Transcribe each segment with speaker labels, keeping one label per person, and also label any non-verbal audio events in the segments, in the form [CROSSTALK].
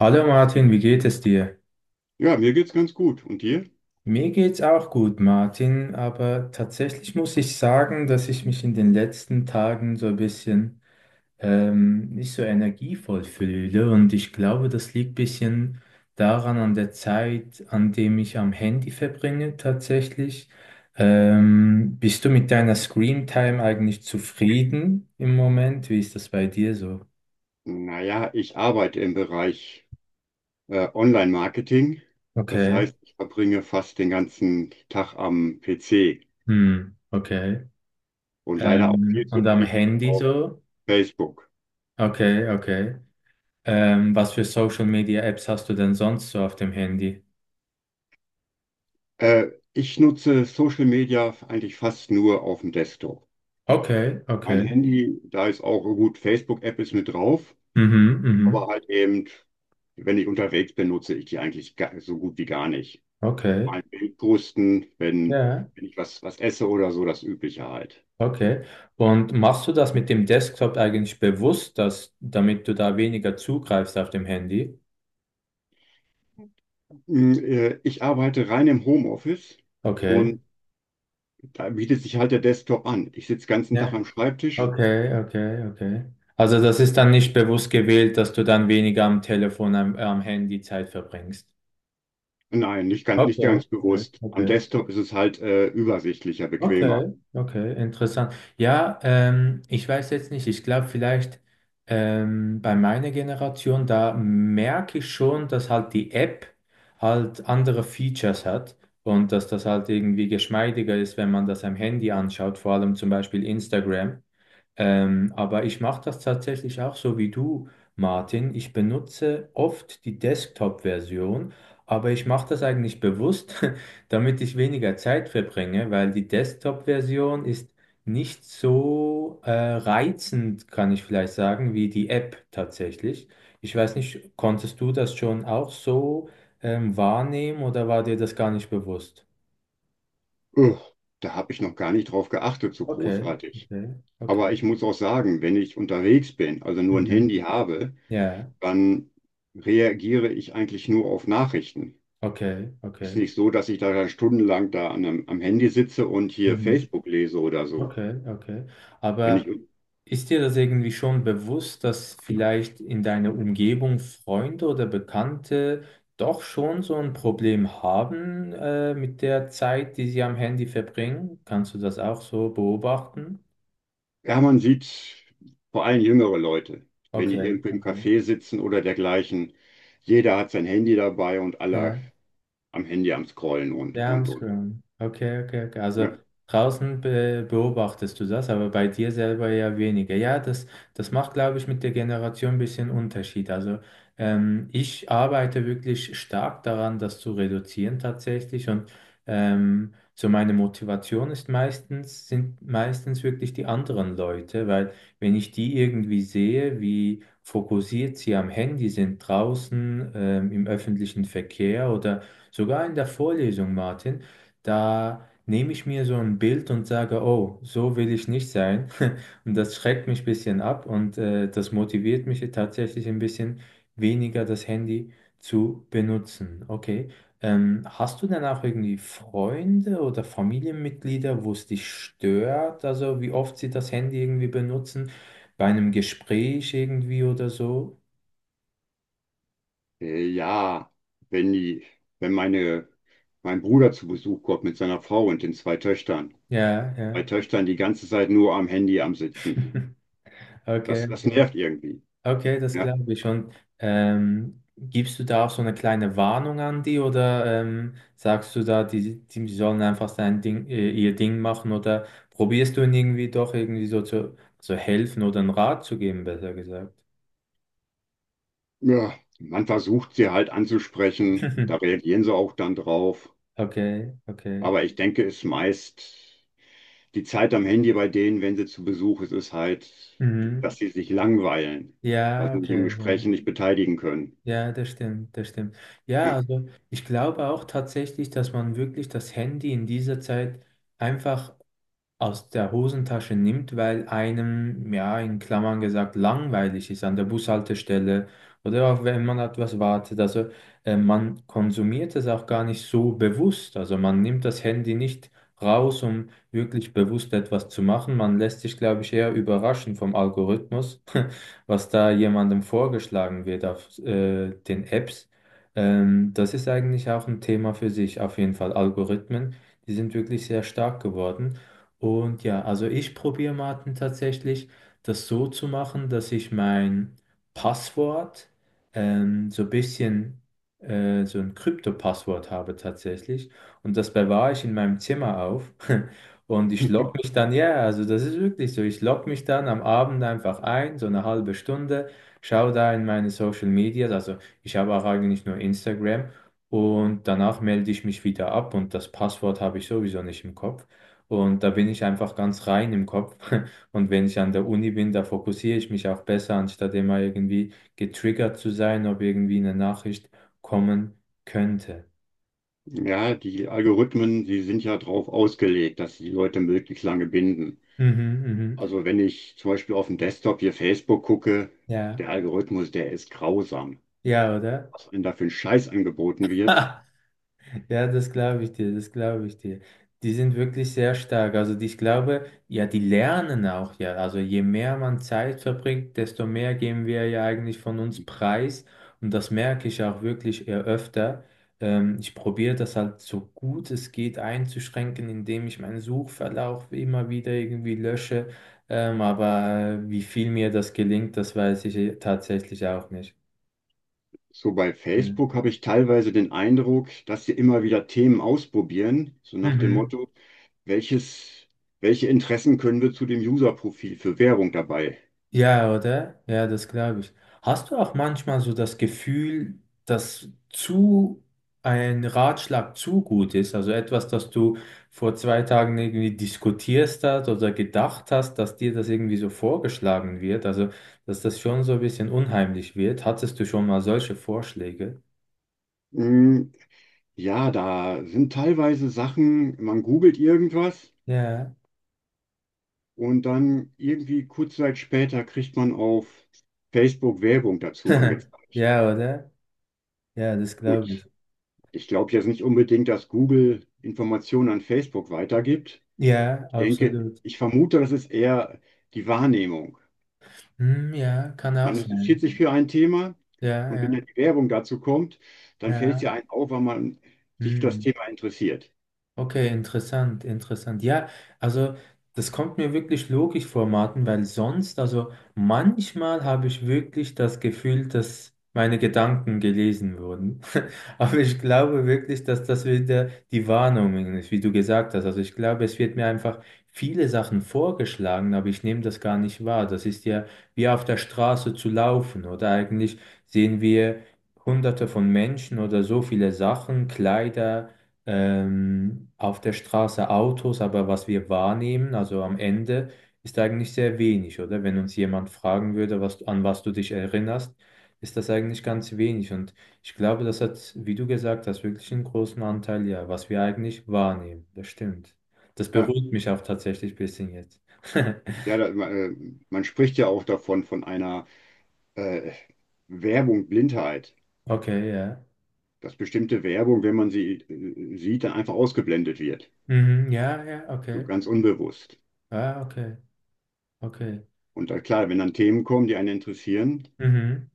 Speaker 1: Hallo Martin, wie geht es dir?
Speaker 2: Ja, mir geht's ganz gut. Und dir?
Speaker 1: Mir geht's auch gut, Martin, aber tatsächlich muss ich sagen, dass ich mich in den letzten Tagen so ein bisschen nicht so energievoll fühle und ich glaube, das liegt ein bisschen daran an der Zeit, an dem ich am Handy verbringe tatsächlich. Bist du mit deiner Screen Time eigentlich zufrieden im Moment? Wie ist das bei dir so?
Speaker 2: Naja, ich arbeite im Bereich Online-Marketing. Das
Speaker 1: Okay.
Speaker 2: heißt, ich verbringe fast den ganzen Tag am PC
Speaker 1: Hm, okay.
Speaker 2: und leider auch viel
Speaker 1: Ähm,
Speaker 2: zu
Speaker 1: und am
Speaker 2: viel
Speaker 1: Handy
Speaker 2: auf
Speaker 1: so?
Speaker 2: Facebook.
Speaker 1: Okay, okay. Was für Social Media Apps hast du denn sonst so auf dem Handy?
Speaker 2: Äh, Ich nutze Social Media eigentlich fast nur auf dem Desktop.
Speaker 1: Okay,
Speaker 2: Mein
Speaker 1: okay.
Speaker 2: Handy, da ist auch gut, Facebook-App ist mit drauf,
Speaker 1: Mhm,
Speaker 2: aber
Speaker 1: mhm.
Speaker 2: halt eben, wenn ich unterwegs bin, nutze ich die eigentlich so gut wie gar nicht.
Speaker 1: Okay.
Speaker 2: Mein Bild posten,
Speaker 1: Ja,
Speaker 2: wenn ich was esse oder so, das Übliche halt.
Speaker 1: okay. Und machst du das mit dem Desktop eigentlich bewusst, damit du da weniger zugreifst auf dem Handy?
Speaker 2: Ich arbeite rein im Homeoffice
Speaker 1: Okay.
Speaker 2: und da bietet sich halt der Desktop an. Ich sitze den ganzen Tag
Speaker 1: Ja.
Speaker 2: am Schreibtisch.
Speaker 1: Okay, okay, okay. Also das ist dann nicht bewusst gewählt, dass du dann weniger am Telefon, am Handy Zeit verbringst.
Speaker 2: Nein, nicht ganz, nicht
Speaker 1: Okay,
Speaker 2: ganz
Speaker 1: okay,
Speaker 2: bewusst. Am
Speaker 1: okay.
Speaker 2: Desktop ist es halt übersichtlicher, bequemer.
Speaker 1: Okay, okay, interessant. Ja, ich weiß jetzt nicht, ich glaube vielleicht bei meiner Generation, da merke ich schon, dass halt die App halt andere Features hat und dass das halt irgendwie geschmeidiger ist, wenn man das am Handy anschaut, vor allem zum Beispiel Instagram. Aber ich mache das tatsächlich auch so wie du, Martin. Ich benutze oft die Desktop-Version, aber ich mache das eigentlich bewusst, [LAUGHS] damit ich weniger Zeit verbringe, weil die Desktop-Version ist nicht so reizend, kann ich vielleicht sagen, wie die App tatsächlich. Ich weiß nicht, konntest du das schon auch so wahrnehmen oder war dir das gar nicht bewusst?
Speaker 2: Ugh, Da habe ich noch gar nicht drauf geachtet, so
Speaker 1: Okay,
Speaker 2: großartig.
Speaker 1: okay, okay.
Speaker 2: Aber ich muss auch sagen, wenn ich unterwegs bin, also nur ein
Speaker 1: Mhm.
Speaker 2: Handy habe,
Speaker 1: Ja,
Speaker 2: dann reagiere ich eigentlich nur auf Nachrichten.
Speaker 1: okay,
Speaker 2: Ist
Speaker 1: okay.
Speaker 2: nicht so, dass ich da dann stundenlang da an, am am Handy sitze und hier
Speaker 1: Mhm.
Speaker 2: Facebook lese oder so.
Speaker 1: Okay, okay.
Speaker 2: Wenn ich
Speaker 1: Aber ist dir das irgendwie schon bewusst, dass vielleicht in deiner Umgebung Freunde oder Bekannte doch schon so ein Problem haben, mit der Zeit, die sie am Handy verbringen? Kannst du das auch so beobachten?
Speaker 2: Ja, man sieht vor allem jüngere Leute, wenn die
Speaker 1: Okay,
Speaker 2: irgendwo im
Speaker 1: okay.
Speaker 2: Café sitzen oder dergleichen. Jeder hat sein Handy dabei und alle
Speaker 1: Ja.
Speaker 2: am Handy am Scrollen und,
Speaker 1: Ja, am
Speaker 2: und, und.
Speaker 1: Screen. Okay, okay, okay. Also
Speaker 2: Ja,
Speaker 1: draußen be beobachtest du das, aber bei dir selber ja weniger. Ja, das macht, glaube ich, mit der Generation ein bisschen Unterschied. Also ich arbeite wirklich stark daran, das zu reduzieren tatsächlich. Und so meine Motivation sind meistens wirklich die anderen Leute, weil wenn ich die irgendwie sehe, wie fokussiert sie am Handy sind draußen, im öffentlichen Verkehr oder sogar in der Vorlesung, Martin, da nehme ich mir so ein Bild und sage, oh, so will ich nicht sein. [LAUGHS] Und das schreckt mich ein bisschen ab und das motiviert mich tatsächlich ein bisschen weniger das Handy zu benutzen. Okay. Hast du denn auch irgendwie Freunde oder Familienmitglieder, wo es dich stört? Also wie oft sie das Handy irgendwie benutzen? Bei einem Gespräch irgendwie oder so?
Speaker 2: ja, wenn die, wenn meine, mein Bruder zu Besuch kommt mit seiner Frau und den zwei Töchtern.
Speaker 1: Ja,
Speaker 2: Zwei
Speaker 1: ja.
Speaker 2: Töchtern die ganze Zeit nur am Handy am Sitzen.
Speaker 1: Okay.
Speaker 2: Das
Speaker 1: Okay.
Speaker 2: nervt irgendwie.
Speaker 1: Okay, das
Speaker 2: Ja.
Speaker 1: glaube ich schon. Gibst du da auch so eine kleine Warnung an die oder sagst du da, die sollen einfach ihr Ding machen oder probierst du ihnen irgendwie doch irgendwie so zu helfen oder einen Rat zu geben, besser gesagt?
Speaker 2: Ja, man versucht sie halt anzusprechen, da
Speaker 1: [LAUGHS]
Speaker 2: reagieren sie auch dann drauf.
Speaker 1: Okay, okay.
Speaker 2: Aber ich denke, es meist. Die Zeit am Handy bei denen, wenn sie zu Besuch ist, ist halt,
Speaker 1: Mhm.
Speaker 2: dass sie sich langweilen, weil
Speaker 1: Ja,
Speaker 2: sie sich im
Speaker 1: okay,
Speaker 2: Gespräch
Speaker 1: ja.
Speaker 2: nicht beteiligen können.
Speaker 1: Ja, das stimmt, das stimmt. Ja,
Speaker 2: Ja.
Speaker 1: also ich glaube auch tatsächlich, dass man wirklich das Handy in dieser Zeit einfach aus der Hosentasche nimmt, weil einem, ja, in Klammern gesagt, langweilig ist an der Bushaltestelle oder auch wenn man etwas wartet. Also man konsumiert es auch gar nicht so bewusst. Also man nimmt das Handy nicht raus, um wirklich bewusst etwas zu machen. Man lässt sich, glaube ich, eher überraschen vom Algorithmus, [LAUGHS] was da jemandem vorgeschlagen wird auf den Apps. Das ist eigentlich auch ein Thema für sich, auf jeden Fall Algorithmen. Die sind wirklich sehr stark geworden. Und ja, also ich probiere Martin tatsächlich das so zu machen, dass ich mein Passwort so ein bisschen so ein Krypto-Passwort habe tatsächlich. Und das bewahre ich in meinem Zimmer auf. [LAUGHS] Und ich logge mich
Speaker 2: [LAUGHS]
Speaker 1: dann, ja, also das ist wirklich so, ich logge mich dann am Abend einfach ein, so eine halbe Stunde, schaue da in meine Social Medias, also ich habe auch eigentlich nur Instagram und danach melde ich mich wieder ab und das Passwort habe ich sowieso nicht im Kopf. Und da bin ich einfach ganz rein im Kopf. [LAUGHS] Und wenn ich an der Uni bin, da fokussiere ich mich auch besser, anstatt immer irgendwie getriggert zu sein, ob irgendwie eine Nachricht kommen könnte.
Speaker 2: Ja, die Algorithmen, die sind ja darauf ausgelegt, dass sie die Leute möglichst lange binden.
Speaker 1: Mhm, mhm.
Speaker 2: Also wenn ich zum Beispiel auf dem Desktop hier Facebook gucke,
Speaker 1: Ja,
Speaker 2: der Algorithmus, der ist grausam.
Speaker 1: ja, oder?
Speaker 2: Was einem da für ein Scheiß angeboten wird.
Speaker 1: [LAUGHS] Ja, das glaube ich dir, das glaube ich dir. Die sind wirklich sehr stark. Also ich glaube, ja, die lernen auch ja. Also je mehr man Zeit verbringt, desto mehr geben wir ja eigentlich von uns preis. Und das merke ich auch wirklich eher öfter. Ich probiere das halt so gut es geht einzuschränken, indem ich meinen Suchverlauf immer wieder irgendwie lösche. Aber wie viel mir das gelingt, das weiß ich eh tatsächlich auch nicht.
Speaker 2: So bei
Speaker 1: Ja.
Speaker 2: Facebook habe ich teilweise den Eindruck, dass sie immer wieder Themen ausprobieren, so nach dem
Speaker 1: Mhm.
Speaker 2: Motto, welches, welche Interessen können wir zu dem User-Profil für Werbung dabei?
Speaker 1: Ja, oder? Ja, das glaube ich. Hast du auch manchmal so das Gefühl, dass zu ein Ratschlag zu gut ist? Also etwas, das du vor zwei Tagen irgendwie diskutierst hast oder gedacht hast, dass dir das irgendwie so vorgeschlagen wird? Also, dass das schon so ein bisschen unheimlich wird. Hattest du schon mal solche Vorschläge?
Speaker 2: Hm, ja, da sind teilweise Sachen, man googelt irgendwas
Speaker 1: Ja.
Speaker 2: und dann irgendwie kurze Zeit später kriegt man auf Facebook Werbung dazu
Speaker 1: [LAUGHS]
Speaker 2: angezeigt.
Speaker 1: Ja, oder? Ja, das glaube ich.
Speaker 2: Gut, ich glaube jetzt nicht unbedingt, dass Google Informationen an Facebook weitergibt.
Speaker 1: Ja,
Speaker 2: Ich denke,
Speaker 1: absolut.
Speaker 2: ich vermute, das ist eher die Wahrnehmung.
Speaker 1: Hm, ja, kann auch
Speaker 2: Man interessiert
Speaker 1: sein.
Speaker 2: sich für ein Thema,
Speaker 1: Ja,
Speaker 2: und wenn
Speaker 1: ja,
Speaker 2: dann die Werbung dazu kommt, dann fällt es
Speaker 1: ja.
Speaker 2: ja einem auf, weil man sich für das
Speaker 1: Hm.
Speaker 2: Thema interessiert.
Speaker 1: Okay, interessant, interessant. Ja, also das kommt mir wirklich logisch vor, Martin, weil sonst, also manchmal habe ich wirklich das Gefühl, dass meine Gedanken gelesen wurden. [LAUGHS] Aber ich glaube wirklich, dass das wieder die Wahrnehmung ist, wie du gesagt hast. Also ich glaube, es wird mir einfach viele Sachen vorgeschlagen, aber ich nehme das gar nicht wahr. Das ist ja wie auf der Straße zu laufen oder eigentlich sehen wir Hunderte von Menschen oder so viele Sachen, Kleider auf der Straße Autos, aber was wir wahrnehmen, also am Ende, ist eigentlich sehr wenig, oder? Wenn uns jemand fragen würde, an was du dich erinnerst, ist das eigentlich ganz wenig. Und ich glaube, das hat, wie du gesagt hast, wirklich einen großen Anteil, ja, was wir eigentlich wahrnehmen. Das stimmt. Das
Speaker 2: Ja,
Speaker 1: beruhigt mich auch tatsächlich ein bisschen jetzt. [LAUGHS]
Speaker 2: ja, da, äh, man spricht ja auch davon, von einer äh, Werbung Blindheit,
Speaker 1: Okay, ja.
Speaker 2: dass bestimmte Werbung, wenn man sie sieht, dann einfach ausgeblendet wird,
Speaker 1: Mhm, ja, ja,
Speaker 2: so
Speaker 1: okay.
Speaker 2: ganz unbewusst.
Speaker 1: Ah, okay, okay.
Speaker 2: Und dann, klar, wenn dann Themen kommen, die einen interessieren,
Speaker 1: Mhm.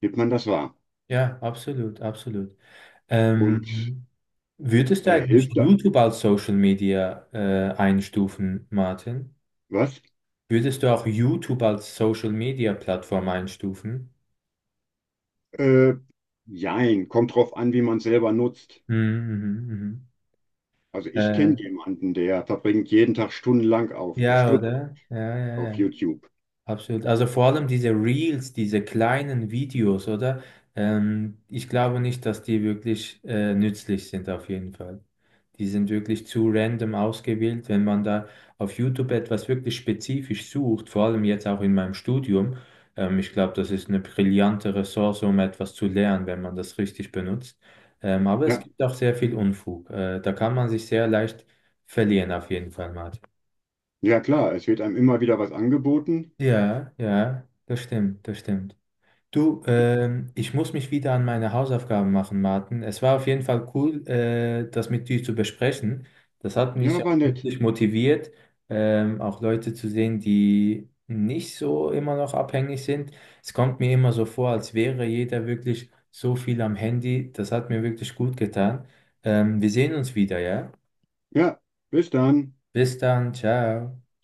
Speaker 2: nimmt man das wahr,
Speaker 1: Ja, absolut, absolut.
Speaker 2: und
Speaker 1: Ähm, Würdest du eigentlich
Speaker 2: hilft da,
Speaker 1: YouTube als Social Media einstufen, Martin?
Speaker 2: was?
Speaker 1: Würdest du auch YouTube als Social Media Plattform einstufen?
Speaker 2: Äh, Jein, kommt drauf an, wie man es selber nutzt.
Speaker 1: Mhm, mhm, mhm.
Speaker 2: Also ich
Speaker 1: Äh,
Speaker 2: kenne jemanden, der verbringt jeden Tag stundenlang
Speaker 1: ja,
Speaker 2: Stunden
Speaker 1: oder? Ja, ja,
Speaker 2: auf
Speaker 1: ja.
Speaker 2: YouTube.
Speaker 1: Absolut. Also vor allem diese Reels, diese kleinen Videos, oder? Ich glaube nicht, dass die wirklich nützlich sind, auf jeden Fall. Die sind wirklich zu random ausgewählt. Wenn man da auf YouTube etwas wirklich spezifisch sucht, vor allem jetzt auch in meinem Studium, ich glaube, das ist eine brillante Ressource, um etwas zu lernen, wenn man das richtig benutzt. Aber es
Speaker 2: Ja,
Speaker 1: gibt auch sehr viel Unfug. Da kann man sich sehr leicht verlieren, auf jeden Fall, Martin.
Speaker 2: ja klar, es wird einem immer wieder was angeboten.
Speaker 1: Ja, ja, das stimmt, das stimmt. Du, ich muss mich wieder an meine Hausaufgaben machen, Martin. Es war auf jeden Fall cool, das mit dir zu besprechen. Das hat
Speaker 2: Ja,
Speaker 1: mich auch
Speaker 2: war nett.
Speaker 1: wirklich motiviert, auch Leute zu sehen, die nicht so immer noch abhängig sind. Es kommt mir immer so vor, als wäre jeder wirklich so viel am Handy. Das hat mir wirklich gut getan. Wir sehen uns wieder, ja?
Speaker 2: Ja, bis dann.
Speaker 1: Bis dann, ciao.